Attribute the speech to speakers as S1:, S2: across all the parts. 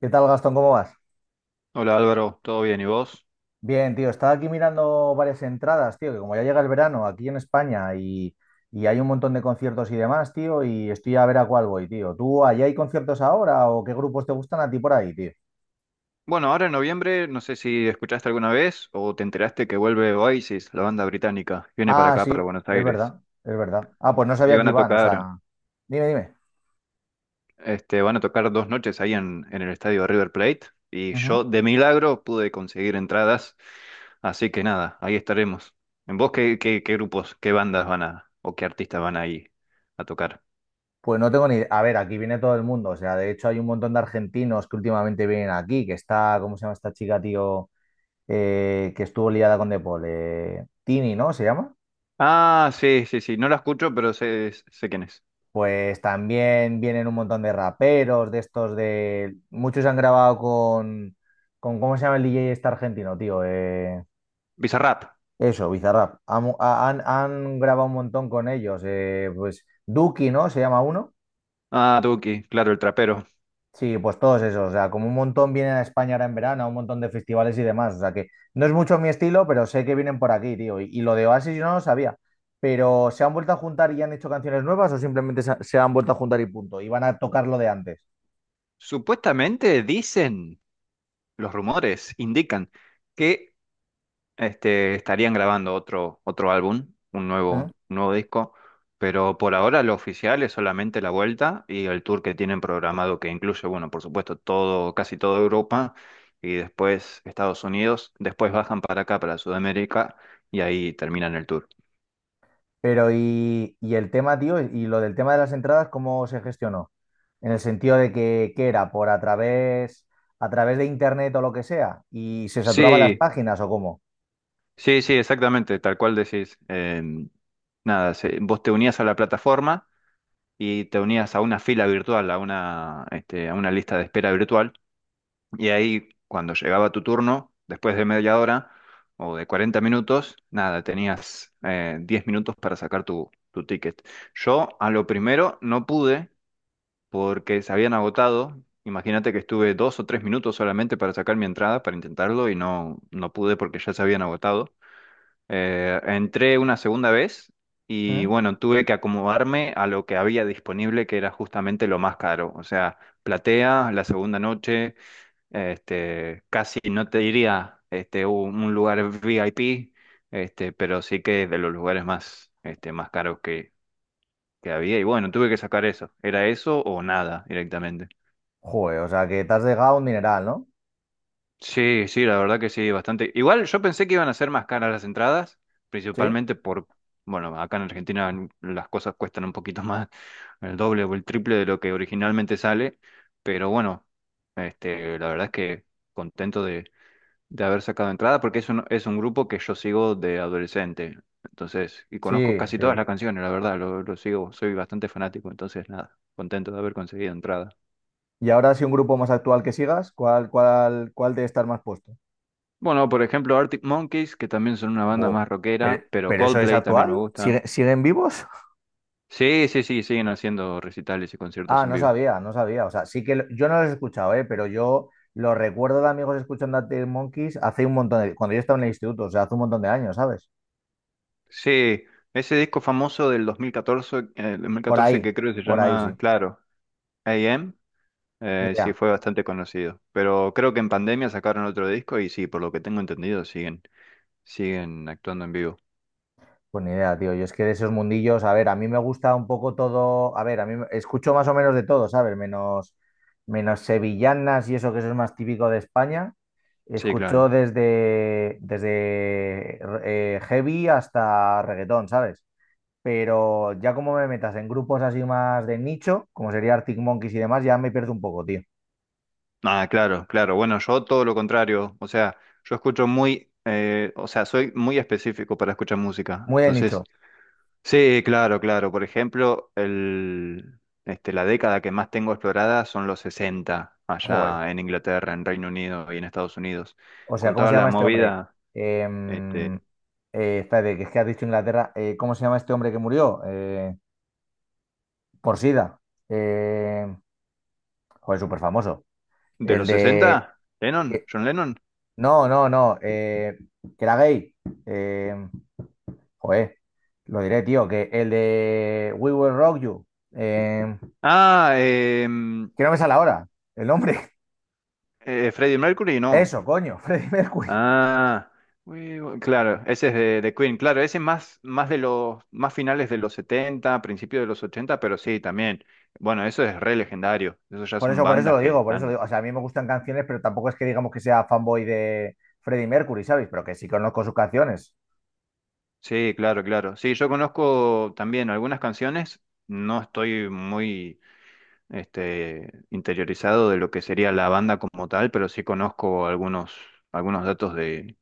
S1: ¿Qué tal, Gastón? ¿Cómo vas?
S2: Hola Álvaro, ¿todo bien? ¿Y vos?
S1: Bien, tío, estaba aquí mirando varias entradas, tío, que como ya llega el verano aquí en España y hay un montón de conciertos y demás, tío, y estoy a ver a cuál voy, tío. ¿Tú allá hay conciertos ahora o qué grupos te gustan a ti por ahí, tío?
S2: Bueno, ahora en noviembre, no sé si escuchaste alguna vez o te enteraste que vuelve Oasis, la banda británica, viene para
S1: Ah,
S2: acá, para
S1: sí,
S2: Buenos
S1: es
S2: Aires.
S1: verdad, es verdad. Ah, pues no
S2: Sí,
S1: sabía que
S2: van a
S1: iban, o
S2: tocar,
S1: sea, dime, dime.
S2: van a tocar dos noches ahí en el estadio River Plate y
S1: Ujú.
S2: yo de milagro pude conseguir entradas, así que nada, ahí estaremos. ¿En vos qué grupos, qué bandas van a, o qué artistas van ahí a tocar?
S1: Pues no tengo ni idea. A ver, aquí viene todo el mundo, o sea, de hecho hay un montón de argentinos que últimamente vienen aquí, que está, ¿cómo se llama esta chica, tío? Que estuvo liada con De Paul, Tini, ¿no? ¿Se llama?
S2: Ah, sí, sí, sí, no la escucho, pero sé quién es.
S1: Pues también vienen un montón de raperos, de estos de... Muchos han grabado con ¿cómo se llama el DJ este argentino, tío?
S2: Bizarrap.
S1: Eso, Bizarrap. Han grabado un montón con ellos. Pues Duki, ¿no? Se llama uno.
S2: Ah, Duki, claro, el trapero.
S1: Sí, pues todos esos. O sea, como un montón vienen a España ahora en verano, a un montón de festivales y demás. O sea, que no es mucho mi estilo, pero sé que vienen por aquí, tío. Y lo de Oasis yo no lo sabía. Pero ¿se han vuelto a juntar y han hecho canciones nuevas o simplemente se han vuelto a juntar y punto? Y van a tocar lo de antes.
S2: Supuestamente dicen, los rumores indican que estarían grabando otro álbum, un
S1: ¿Mm?
S2: nuevo disco, pero por ahora lo oficial es solamente la vuelta y el tour que tienen programado que incluye, bueno, por supuesto, todo, casi toda Europa y después Estados Unidos, después bajan para acá, para Sudamérica y ahí terminan el tour.
S1: Pero el tema, tío, y lo del tema de las entradas, ¿cómo se gestionó? En el sentido de que, ¿qué era? ¿A través de internet o lo que sea? ¿Y se saturaban las
S2: Sí,
S1: páginas o cómo?
S2: sí, sí, exactamente, tal cual decís. Nada, vos te unías a la plataforma. Y te unías a una fila virtual, a una, a una lista de espera virtual, y ahí cuando llegaba tu turno, después de media hora o de 40 minutos, nada, tenías 10 minutos para sacar tu ticket. Yo a lo primero no pude porque se habían agotado. Imagínate que estuve dos o tres minutos solamente para sacar mi entrada, para intentarlo, y no, no pude porque ya se habían agotado. Entré una segunda vez y
S1: ¿Mm?
S2: bueno, tuve que acomodarme a lo que había disponible, que era justamente lo más caro. O sea, platea, la segunda noche, casi no te diría un lugar VIP, pero sí que es de los lugares más, más caros que había. Y bueno, tuve que sacar eso. ¿Era eso o nada directamente?
S1: Joder, o sea que te has dejado un mineral, ¿no?
S2: Sí, sí, la verdad que sí, bastante. Igual yo pensé que iban a ser más caras las entradas,
S1: Sí,
S2: principalmente por, bueno, acá en Argentina las cosas cuestan un poquito más, el doble o el triple de lo que originalmente sale, pero bueno, la verdad es que contento de haber sacado entrada porque es un grupo que yo sigo de adolescente, entonces, y
S1: sí,
S2: conozco casi
S1: sí.
S2: todas las canciones, la verdad, lo sigo, soy bastante fanático, entonces nada, contento de haber conseguido entrada.
S1: Y ahora si un grupo más actual que sigas, ¿cuál debe estar más puesto?
S2: Bueno, por ejemplo, Arctic Monkeys, que también son una banda
S1: Buah,
S2: más
S1: pero,
S2: rockera, pero
S1: pero eso es
S2: Coldplay también me
S1: actual?
S2: gusta.
S1: Siguen vivos?
S2: Sí, sí, sí, siguen haciendo recitales y conciertos
S1: Ah,
S2: en
S1: no
S2: vivo.
S1: sabía, no sabía. O sea, yo no los he escuchado, ¿eh? Pero yo lo recuerdo de amigos escuchando a Teen Monkeys hace un montón de... Cuando yo estaba en el instituto, o sea, hace un montón de años, ¿sabes?
S2: Sí, ese disco famoso del 2014, el
S1: Por
S2: 2014
S1: ahí,
S2: que creo que se
S1: por ahí
S2: llama,
S1: sí.
S2: claro, AM,
S1: Ni
S2: sí
S1: idea.
S2: fue bastante conocido. Pero creo que en pandemia sacaron otro disco y sí, por lo que tengo entendido, siguen, siguen actuando en vivo.
S1: Pues ni idea, tío. Yo es que de esos mundillos, a ver, a mí me gusta un poco todo. A ver, escucho más o menos de todo, ¿sabes? Menos sevillanas y eso que eso es más típico de España.
S2: Sí,
S1: Escucho
S2: claro.
S1: desde heavy hasta reggaetón, ¿sabes? Pero ya como me metas en grupos así más de nicho, como sería Arctic Monkeys y demás, ya me pierdo un poco, tío.
S2: Ah, claro, claro. Bueno, yo todo lo contrario. O sea, yo escucho muy, o sea, soy muy específico para escuchar música.
S1: Muy de
S2: Entonces,
S1: nicho.
S2: sí, claro, claro. Por ejemplo, la década que más tengo explorada son los 60
S1: Joder.
S2: allá en Inglaterra, en Reino Unido y en Estados Unidos.
S1: O sea,
S2: Con
S1: ¿cómo
S2: toda
S1: se
S2: la
S1: llama este hombre?
S2: movida,
S1: Em,
S2: este,
S1: Espérate, que es que has dicho Inglaterra. ¿Cómo se llama este hombre que murió? Por SIDA. Eh, Joder, súper famoso.
S2: de
S1: El
S2: los
S1: de...
S2: 60. Lennon,
S1: eh,
S2: John Lennon.
S1: no, no, no. Que era gay. Em, Joder, lo diré, tío. Que el de We Will Rock You. Em,
S2: Ah, em,
S1: que no me sale ahora el nombre.
S2: Freddie Mercury, no.
S1: Eso, coño, Freddie Mercury.
S2: Ah, claro, ese es de Queen. Claro, ese es más, más de los, más finales de los 70, principios de los 80, pero sí, también. Bueno, eso es re legendario. Eso ya son
S1: Por eso lo
S2: bandas que
S1: digo, por eso lo
S2: están
S1: digo. O sea, a mí me gustan canciones, pero tampoco es que digamos que sea fanboy de Freddie Mercury, ¿sabes? Pero que sí conozco sus canciones.
S2: sí, claro, claro. Sí, yo conozco también algunas canciones. No estoy muy interiorizado de lo que sería la banda como tal, pero sí conozco algunos, algunos datos de,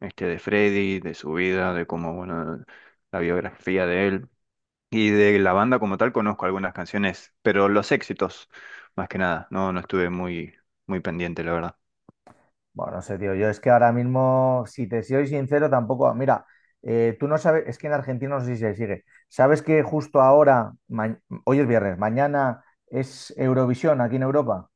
S2: de Freddy, de su vida, de cómo, bueno, la biografía de él. Y de la banda como tal conozco algunas canciones, pero los éxitos, más que nada. No, no estuve muy, muy pendiente, la verdad.
S1: Bueno, no sé, tío. Yo es que ahora mismo, si te soy sincero, tampoco. Mira, tú no sabes, es que en Argentina no sé si se sigue. ¿Sabes que justo ahora, hoy es viernes, mañana es Eurovisión aquí en Europa?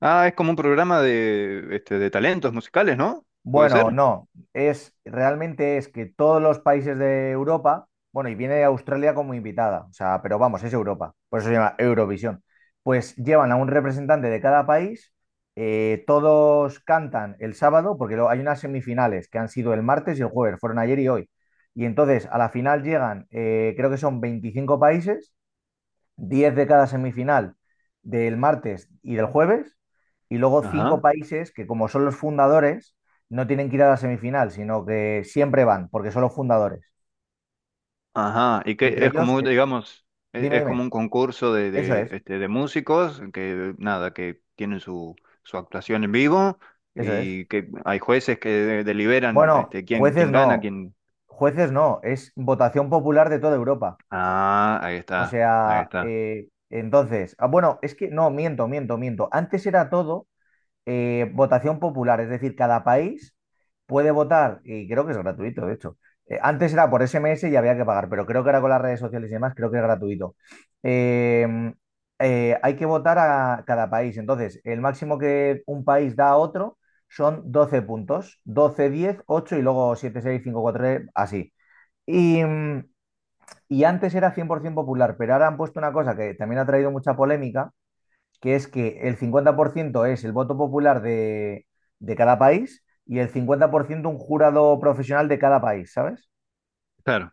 S2: Ah, es como un programa de, de talentos musicales, ¿no? ¿Puede
S1: Bueno,
S2: ser?
S1: no, es realmente es que todos los países de Europa, bueno, y viene Australia como invitada, o sea, pero vamos, es Europa, por eso se llama Eurovisión. Pues llevan a un representante de cada país, todos cantan el sábado, porque luego hay unas semifinales que han sido el martes y el jueves, fueron ayer y hoy. Y entonces a la final llegan, creo que son 25 países, 10 de cada semifinal, del martes y del jueves, y luego cinco
S2: Ajá.
S1: países que, como son los fundadores, no tienen que ir a la semifinal, sino que siempre van, porque son los fundadores.
S2: Ajá, y que
S1: Entre
S2: es
S1: ellos,
S2: como, digamos,
S1: dime,
S2: es,
S1: dime,
S2: como un concurso de,
S1: eso
S2: de,
S1: es,
S2: de músicos que, nada, que tienen su, su actuación en vivo
S1: eso es.
S2: y que hay jueces que deliberan
S1: Bueno,
S2: quién, quién gana, quién...
S1: jueces no, es votación popular de toda Europa.
S2: Ah, ahí
S1: O
S2: está, ahí
S1: sea,
S2: está.
S1: entonces, ah, bueno, es que no, miento, miento, miento. Antes era todo, votación popular, es decir, cada país puede votar, y creo que es gratuito, de hecho. Antes era por SMS y había que pagar, pero creo que ahora con las redes sociales y demás, creo que es gratuito. Eh, Hay que votar a cada país. Entonces, el máximo que un país da a otro son 12 puntos, 12, 10, ocho, y luego siete, seis, cinco, cuatro, 3, así. Y, mm, y antes era 100% popular, pero ahora han puesto una cosa que también ha traído mucha polémica, que es que el 50% es el voto popular de cada país y el 50% un jurado profesional de cada país, ¿sabes?
S2: Claro,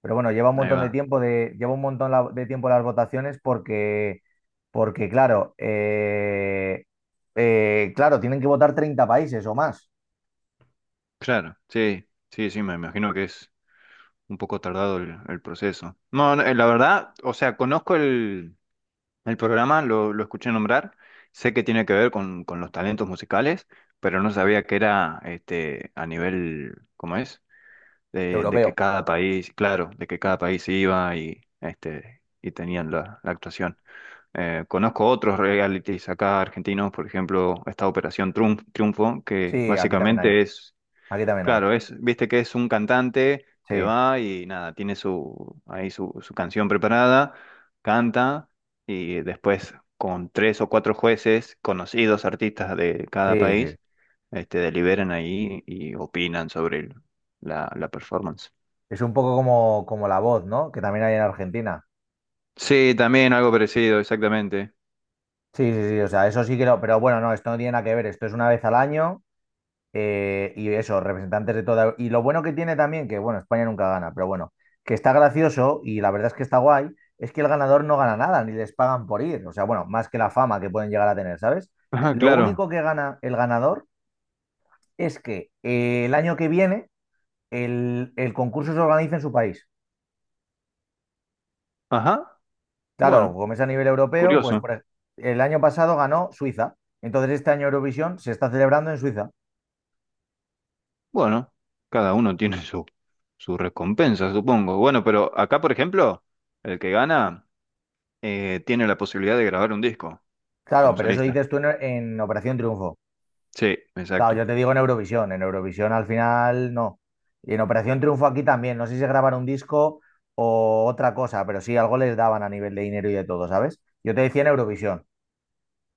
S1: Pero bueno, lleva un
S2: ahí
S1: montón de
S2: va.
S1: tiempo de, lleva un montón de tiempo las votaciones, porque, claro, claro, tienen que votar 30 países o más.
S2: Claro, sí, sí, sí, me imagino que es un poco tardado el proceso. No, no, la verdad, o sea, conozco el... El programa lo escuché nombrar, sé que tiene que ver con los talentos musicales, pero no sabía que era a nivel, ¿cómo es? De
S1: Europeo.
S2: que cada país, claro, de que cada país iba y, y tenían la, la actuación. Conozco otros realities acá argentinos, por ejemplo, esta Triunfo, que
S1: Sí, aquí también hay.
S2: básicamente es
S1: Aquí también hay.
S2: claro, es, viste que es un cantante
S1: Sí,
S2: que va y nada, tiene su, ahí su, su canción preparada, canta y después con tres o cuatro jueces, conocidos artistas de cada
S1: sí, sí.
S2: país, deliberan ahí y opinan sobre la, la performance.
S1: Es un poco como La Voz, ¿no? Que también hay en Argentina.
S2: Sí, también algo parecido, exactamente.
S1: Sí, sí, sí. O sea, eso sí que lo. Pero bueno, no, esto no tiene nada que ver. Esto es una vez al año. Y eso, representantes de toda... Y lo bueno que tiene también, que bueno, España nunca gana, pero bueno, que está gracioso y la verdad es que está guay, es que el ganador no gana nada, ni les pagan por ir. O sea, bueno, más que la fama que pueden llegar a tener, ¿sabes?
S2: Ajá,
S1: Lo
S2: claro.
S1: único que gana el ganador es que, el año que viene el concurso se organiza en su país.
S2: Ajá,
S1: Claro,
S2: bueno,
S1: como es a nivel europeo, pues
S2: curioso.
S1: el año pasado ganó Suiza. Entonces este año Eurovisión se está celebrando en Suiza.
S2: Bueno, cada uno tiene su, su recompensa, supongo. Bueno, pero acá, por ejemplo, el que gana... tiene la posibilidad de grabar un disco
S1: Claro,
S2: como
S1: pero eso
S2: solista.
S1: dices tú en Operación Triunfo.
S2: Sí,
S1: Claro,
S2: exacto.
S1: yo te digo en Eurovisión. En Eurovisión al final no. Y en Operación Triunfo aquí también. No sé si se graban un disco o otra cosa, pero sí algo les daban a nivel de dinero y de todo, ¿sabes? Yo te decía en Eurovisión.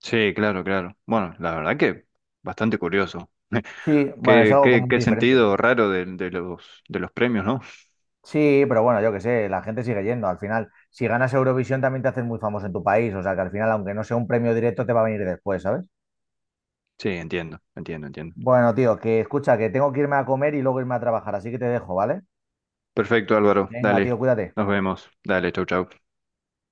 S2: Sí, claro, claro. Bueno, la verdad que bastante curioso.
S1: Sí, bueno, es
S2: Qué,
S1: algo
S2: qué,
S1: como
S2: qué
S1: muy diferente.
S2: sentido raro de los, de los premios, ¿no?
S1: Sí, pero bueno, yo qué sé, la gente sigue yendo. Al final, si ganas Eurovisión también te haces muy famoso en tu país. O sea que al final, aunque no sea un premio directo, te va a venir después, ¿sabes?
S2: Sí, entiendo, entiendo, entiendo.
S1: Bueno, tío, que escucha, que tengo que irme a comer y luego irme a trabajar, así que te dejo, ¿vale?
S2: Perfecto, Álvaro.
S1: Venga, tío,
S2: Dale,
S1: cuídate.
S2: nos vemos. Dale, chau, chau.